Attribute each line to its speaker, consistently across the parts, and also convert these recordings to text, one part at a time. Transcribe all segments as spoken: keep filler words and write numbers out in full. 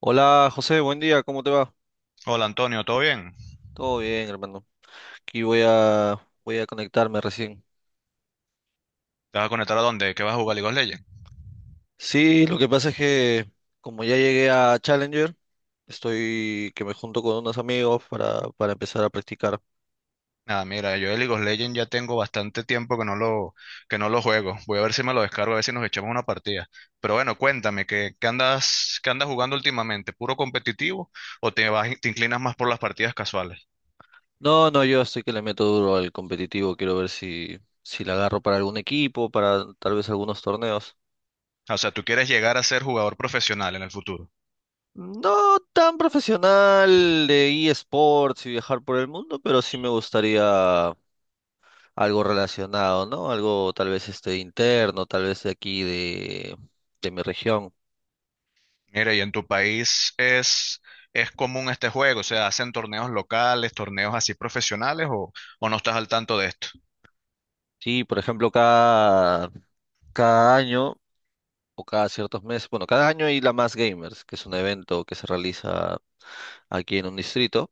Speaker 1: Hola José, buen día, ¿cómo te va?
Speaker 2: Hola Antonio, ¿todo bien?
Speaker 1: Todo bien, hermano. Aquí voy a voy a conectarme recién.
Speaker 2: ¿Te vas a conectar a dónde? ¿Qué vas a jugar League of Legends?
Speaker 1: Sí, lo que pasa es que como ya llegué a Challenger, estoy que me junto con unos amigos para, para empezar a practicar.
Speaker 2: Nada, mira, yo de League of Legends ya tengo bastante tiempo que no lo, que no lo juego. Voy a ver si me lo descargo, a ver si nos echamos una partida. Pero bueno, cuéntame, ¿qué, qué andas, qué andas jugando últimamente? ¿Puro competitivo o te vas, te inclinas más por las partidas casuales?
Speaker 1: No, no, yo estoy que le meto duro al competitivo, quiero ver si si la agarro para algún equipo, para tal vez algunos torneos.
Speaker 2: O sea, ¿tú quieres llegar a ser jugador profesional en el futuro?
Speaker 1: No tan profesional de eSports y viajar por el mundo, pero sí me gustaría algo relacionado, ¿no? Algo tal vez este interno, tal vez de aquí de, de mi región.
Speaker 2: Mira, y en tu país es, es común este juego, o sea, ¿hacen torneos locales, torneos así profesionales o, o no estás al tanto de esto?
Speaker 1: Sí, por ejemplo, cada, cada año o cada ciertos meses, bueno, cada año hay la Más Gamers, que es un evento que se realiza aquí en un distrito,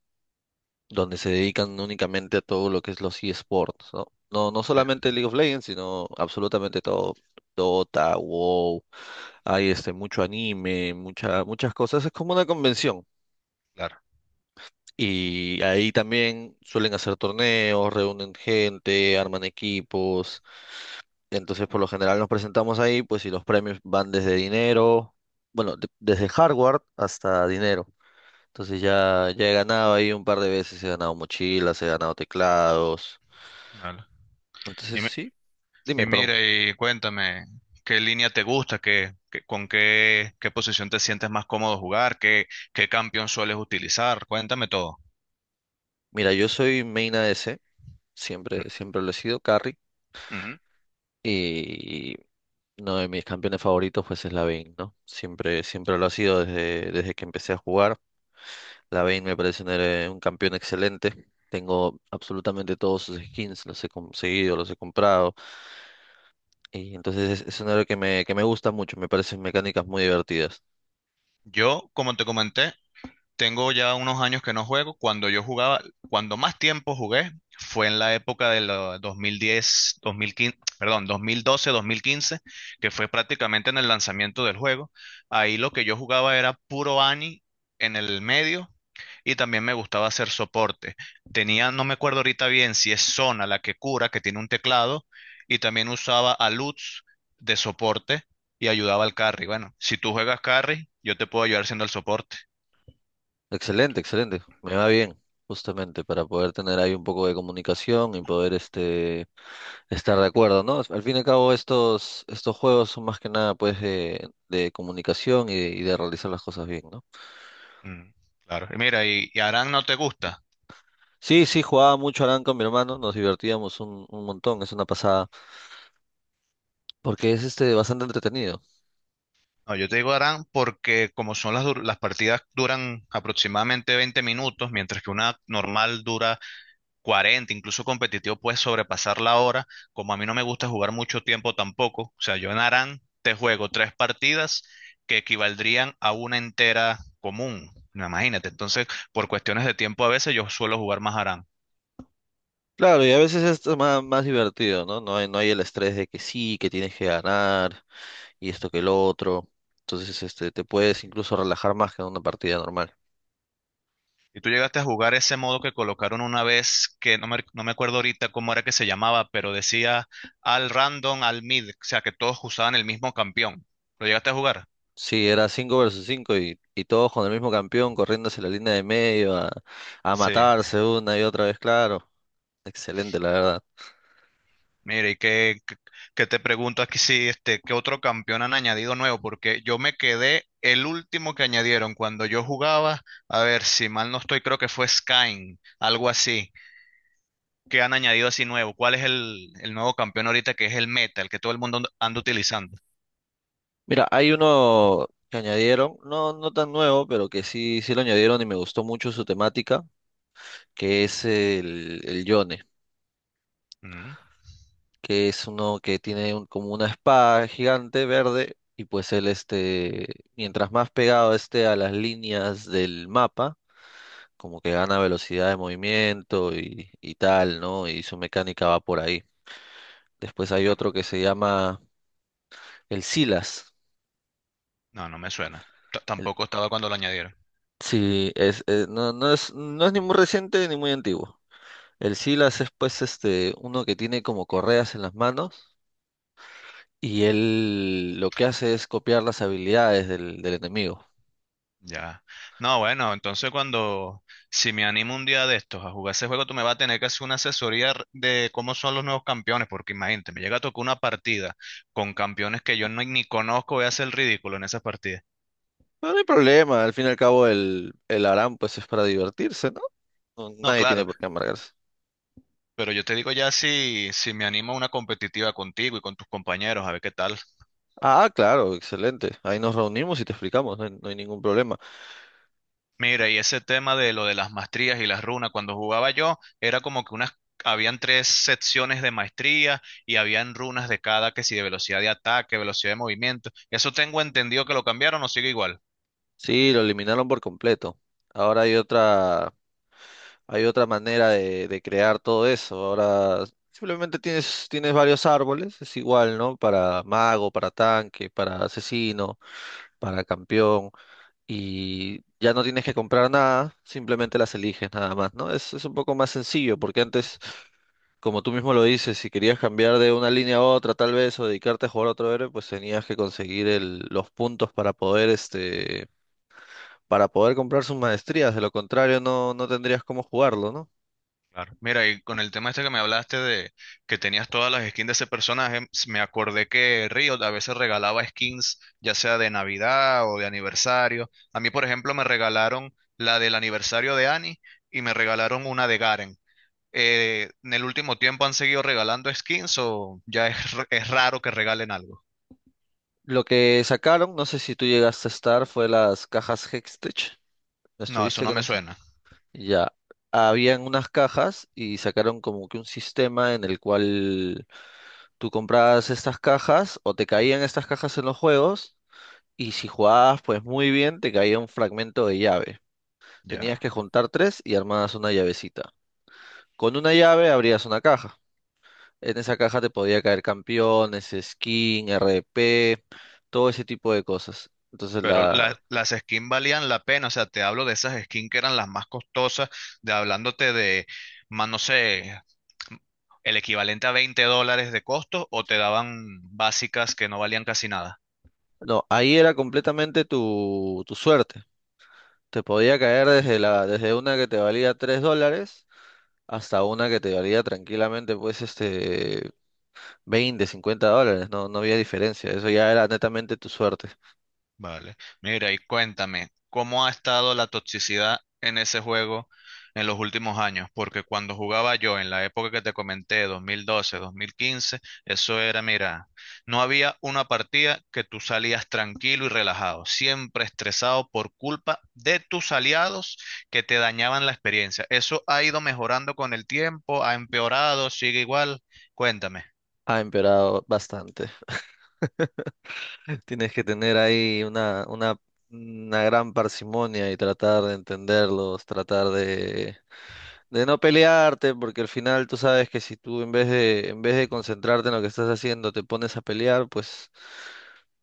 Speaker 1: donde se dedican únicamente a todo lo que es los eSports, ¿no? No, no
Speaker 2: Sí,
Speaker 1: solamente League of Legends, sino absolutamente todo. Dota, WoW, hay este mucho anime, mucha, muchas cosas. Es como una convención.
Speaker 2: claro.
Speaker 1: Y ahí también suelen hacer torneos, reúnen gente, arman equipos. Entonces, por lo general nos presentamos ahí, pues, y los premios van desde dinero, bueno, de- desde hardware hasta dinero. Entonces ya, ya he ganado ahí un par de veces, he ganado mochilas, he ganado teclados.
Speaker 2: Vale.
Speaker 1: Entonces, sí, dime,
Speaker 2: Y
Speaker 1: perdón.
Speaker 2: mira, y cuéntame, ¿qué línea te gusta? ¿Qué, qué- con qué, qué posición te sientes más cómodo jugar? ¿Qué, qué campeón sueles utilizar? Cuéntame todo.
Speaker 1: Mira, yo soy main A D C,
Speaker 2: Mm,
Speaker 1: siempre, siempre lo he sido, carry,
Speaker 2: ujú.
Speaker 1: y uno de mis campeones favoritos, pues, es la Vayne, ¿no? Siempre, siempre lo ha sido desde, desde que empecé a jugar. Lavine me parece un, héroe- un campeón excelente. Tengo absolutamente todos sus skins, los he conseguido, los he comprado. Y entonces es, es un héroe que me, que me gusta mucho, me parecen mecánicas muy divertidas.
Speaker 2: Yo, como te comenté, tengo ya unos años que no juego. Cuando yo jugaba, cuando más tiempo jugué fue en la época de los dos mil diez, dos mil quince, perdón, dos mil doce, dos mil quince, que fue prácticamente en el lanzamiento del juego. Ahí lo que yo jugaba era puro Ani en el medio y también me gustaba hacer soporte. Tenía, no me acuerdo ahorita bien si es Zona la que cura, que tiene un teclado, y también usaba a Lutz de soporte y ayudaba al carry. Bueno, si tú juegas carry, yo te puedo ayudar siendo el soporte.
Speaker 1: Excelente, excelente. Me va bien, justamente, para poder tener ahí un poco de comunicación y poder este, estar de acuerdo, ¿no? Al fin y al cabo, estos, estos juegos son más que nada pues de, de comunicación y de, y de realizar las cosas bien, ¿no?
Speaker 2: Mm, claro. Y mira, y, y Aran no te gusta.
Speaker 1: Sí, sí, jugaba mucho Arán con mi hermano, nos divertíamos un, un montón, es una pasada. Porque es este bastante entretenido.
Speaker 2: No, yo te digo Aran porque como son las, dur- las partidas duran aproximadamente veinte minutos, mientras que una normal dura cuarenta, incluso competitivo, puedes sobrepasar la hora. Como a mí no me gusta jugar mucho tiempo tampoco, o sea, yo en Aran te juego tres partidas que equivaldrían a una entera común. No, Imagínate, entonces, por cuestiones de tiempo a veces yo suelo jugar más Aran.
Speaker 1: Claro, y a veces esto es más, más divertido, ¿no? No hay, no hay el estrés de que sí, que tienes que ganar y esto que el otro. Entonces, este, te puedes incluso relajar más que en una partida normal.
Speaker 2: Y tú llegaste a jugar ese modo que colocaron una vez, que no me, no me acuerdo ahorita cómo era que se llamaba, pero decía al random, al mid, o sea, que todos usaban el mismo campeón. ¿Lo llegaste a jugar?
Speaker 1: Sí, era cinco versus cinco y, y todos con el mismo campeón corriendo hacia la línea de medio a, a
Speaker 2: Sí.
Speaker 1: matarse una y otra vez, claro. Excelente, la verdad.
Speaker 2: Mire, ¿y qué, qué- qué te pregunto aquí si este, qué otro campeón han añadido nuevo? Porque yo me quedé el último que añadieron cuando yo jugaba, a ver si mal no estoy, creo que fue Skyn, algo así, que han añadido así nuevo. ¿Cuál es el, el nuevo campeón ahorita que es el meta, el que todo el mundo anda anda utilizando?
Speaker 1: Mira, hay uno que añadieron, no, no tan nuevo, pero que sí, sí lo añadieron y me gustó mucho su temática, que es el, el Yone.
Speaker 2: Mm,
Speaker 1: Que es uno que tiene un- como una espada gigante verde y pues él este, mientras más pegado esté a las líneas del mapa, como que gana velocidad de movimiento y, y tal, ¿no? Y su mecánica va por ahí. Después hay
Speaker 2: No,
Speaker 1: otro que se llama el Silas.
Speaker 2: no, no me suena. T-
Speaker 1: El-
Speaker 2: tampoco estaba cuando lo añadieron.
Speaker 1: sí, es, eh, no, no es, no es ni muy reciente ni muy antiguo. El Silas es pues este, uno que tiene como correas en las manos y él lo que hace es copiar las habilidades del del enemigo.
Speaker 2: Ya. No, bueno, entonces cuando, si me animo un día de estos a jugar ese juego, tú me vas a tener que hacer una asesoría r- de cómo son los nuevos campeones, porque imagínate, me llega a tocar una partida con campeones que yo no, ni conozco, voy a hacer el ridículo en esas partidas.
Speaker 1: No, no hay problema, al fin y al cabo el, el Aram pues es para divertirse, ¿no? No,
Speaker 2: No,
Speaker 1: nadie tiene
Speaker 2: claro,
Speaker 1: por qué amargarse.
Speaker 2: pero yo te digo ya si, si me animo a una competitiva contigo y con tus compañeros, a ver qué tal.
Speaker 1: Ah, claro, excelente. Ahí nos reunimos y te explicamos, no hay, no hay ningún problema.
Speaker 2: Mira, y ese tema de lo de las maestrías y las runas, cuando jugaba yo, era como que unas, habían tres secciones de maestría y habían runas de cada, que si de velocidad de ataque, velocidad de movimiento. Eso tengo entendido que lo cambiaron o sigue igual.
Speaker 1: Sí, lo eliminaron por completo. Ahora hay otra, hay otra manera de, de crear todo eso. Ahora simplemente tienes, tienes varios árboles, es igual, ¿no? Para mago, para tanque, para asesino, para campeón. Y ya no tienes que comprar nada, simplemente las eliges nada más, ¿no? Es, es un poco más sencillo porque antes, como tú mismo lo dices, si querías cambiar de una línea a otra, tal vez, o dedicarte a jugar a otro héroe, pues tenías que conseguir el- los puntos para poder, este, para poder comprar sus maestrías. De lo contrario, no, no tendrías cómo jugarlo, ¿no?
Speaker 2: Claro. Mira, y con el tema este que me hablaste de que tenías todas las skins de ese personaje, s- me acordé que Riot a veces regalaba skins, ya sea de Navidad o de aniversario. A mí, por ejemplo, me regalaron la del aniversario de Annie y me regalaron una de Garen. Eh, en el último tiempo han seguido regalando skins o ya es, r- es raro que regalen algo.
Speaker 1: Lo que sacaron, no sé si tú llegaste a estar, fue las cajas Hextech. ¿No
Speaker 2: No, eso
Speaker 1: estuviste
Speaker 2: no
Speaker 1: con
Speaker 2: me
Speaker 1: eso?
Speaker 2: suena.
Speaker 1: Ya. Habían unas cajas y sacaron como que un sistema en el cual tú comprabas estas cajas o te caían estas cajas en los juegos y si jugabas pues muy bien te caía un fragmento de llave. Tenías
Speaker 2: Ya.
Speaker 1: que juntar tres y armabas una llavecita. Con una llave abrías una caja. En esa caja te podía caer campeones, skin, R P, todo ese tipo de cosas. Entonces
Speaker 2: Pero la-
Speaker 1: la...
Speaker 2: las skins valían la pena. O sea, te hablo de esas skins que eran las más costosas, de hablándote de, más no sé, el equivalente a veinte dólares de costo o te daban básicas que no valían casi nada.
Speaker 1: No, ahí era completamente tu, tu suerte. Te podía caer desde la, desde una que te valía tres dólares hasta una que te valía tranquilamente pues este veinte, cincuenta dólares. No, no había diferencia. Eso ya era netamente tu suerte.
Speaker 2: Vale. Mira, y cuéntame, ¿cómo ha estado la toxicidad en ese juego en los últimos años? Porque cuando jugaba yo en la época que te comenté, dos mil doce, dos mil quince, eso era, mira, no había una partida que tú salías tranquilo y relajado, siempre estresado por culpa de tus aliados que te dañaban la experiencia. ¿Eso ha ido mejorando con el tiempo? ¿Ha empeorado? ¿Sigue igual? Cuéntame.
Speaker 1: Ha empeorado bastante. Tienes que tener ahí una, una, una gran parsimonia y tratar de entenderlos, tratar de, de no pelearte, porque al final tú sabes que si tú en vez de, en vez de concentrarte en lo que estás haciendo, te pones a pelear, pues,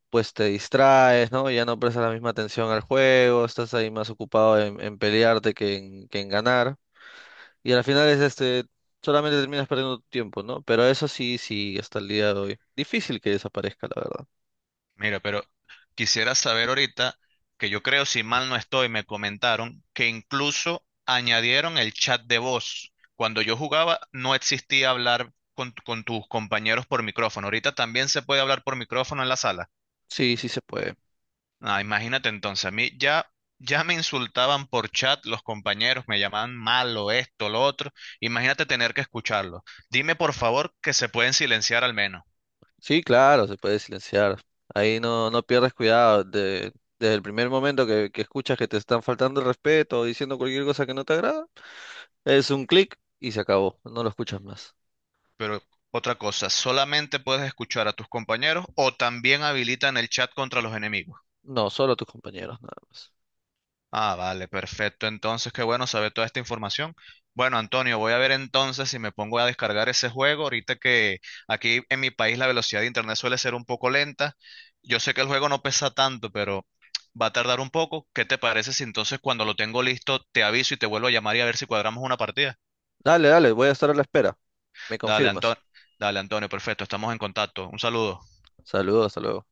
Speaker 1: pues te distraes, ¿no? Ya no prestas la misma atención al juego, estás ahí más ocupado en, en pelearte que en, que en ganar. Y al final es este, solamente terminas perdiendo tu tiempo, ¿no? Pero eso sí, sí, hasta el día de hoy. Difícil que desaparezca, la verdad.
Speaker 2: Mira, pero quisiera saber ahorita, que yo creo, si mal no estoy, me comentaron que incluso añadieron el chat de voz. Cuando yo jugaba no existía hablar con, tu- con tus compañeros por micrófono. Ahorita también se puede hablar por micrófono en la sala.
Speaker 1: Sí, sí se puede.
Speaker 2: Ah, imagínate entonces, a mí ya, ya me insultaban por chat los compañeros, me llamaban malo, esto, lo otro. Imagínate tener que escucharlo. Dime por favor que se pueden silenciar al menos.
Speaker 1: Sí, claro, se puede silenciar. Ahí no, no pierdes cuidado. De, desde el primer momento que, que escuchas que te están faltando el respeto o diciendo cualquier cosa que no te agrada, es un clic y se acabó. No lo escuchas más.
Speaker 2: Pero otra cosa, ¿solamente puedes escuchar a tus compañeros o también habilitan el chat contra los enemigos?
Speaker 1: No, solo tus compañeros, nada más.
Speaker 2: Ah, vale, perfecto. Entonces, qué bueno saber toda esta información. Bueno, Antonio, voy a ver entonces si me pongo a descargar ese juego. Ahorita que aquí en mi país la velocidad de internet suele ser un poco lenta. Yo sé que el juego no pesa tanto, pero va a tardar un poco. ¿Qué te parece si entonces cuando lo tengo listo te aviso y te vuelvo a llamar y a ver si cuadramos una partida?
Speaker 1: Dale, dale, voy a estar a la espera. Me
Speaker 2: Dale,
Speaker 1: confirmas.
Speaker 2: Antonio. Dale, Antonio, perfecto. Estamos en contacto. Un saludo.
Speaker 1: Saludos, hasta luego.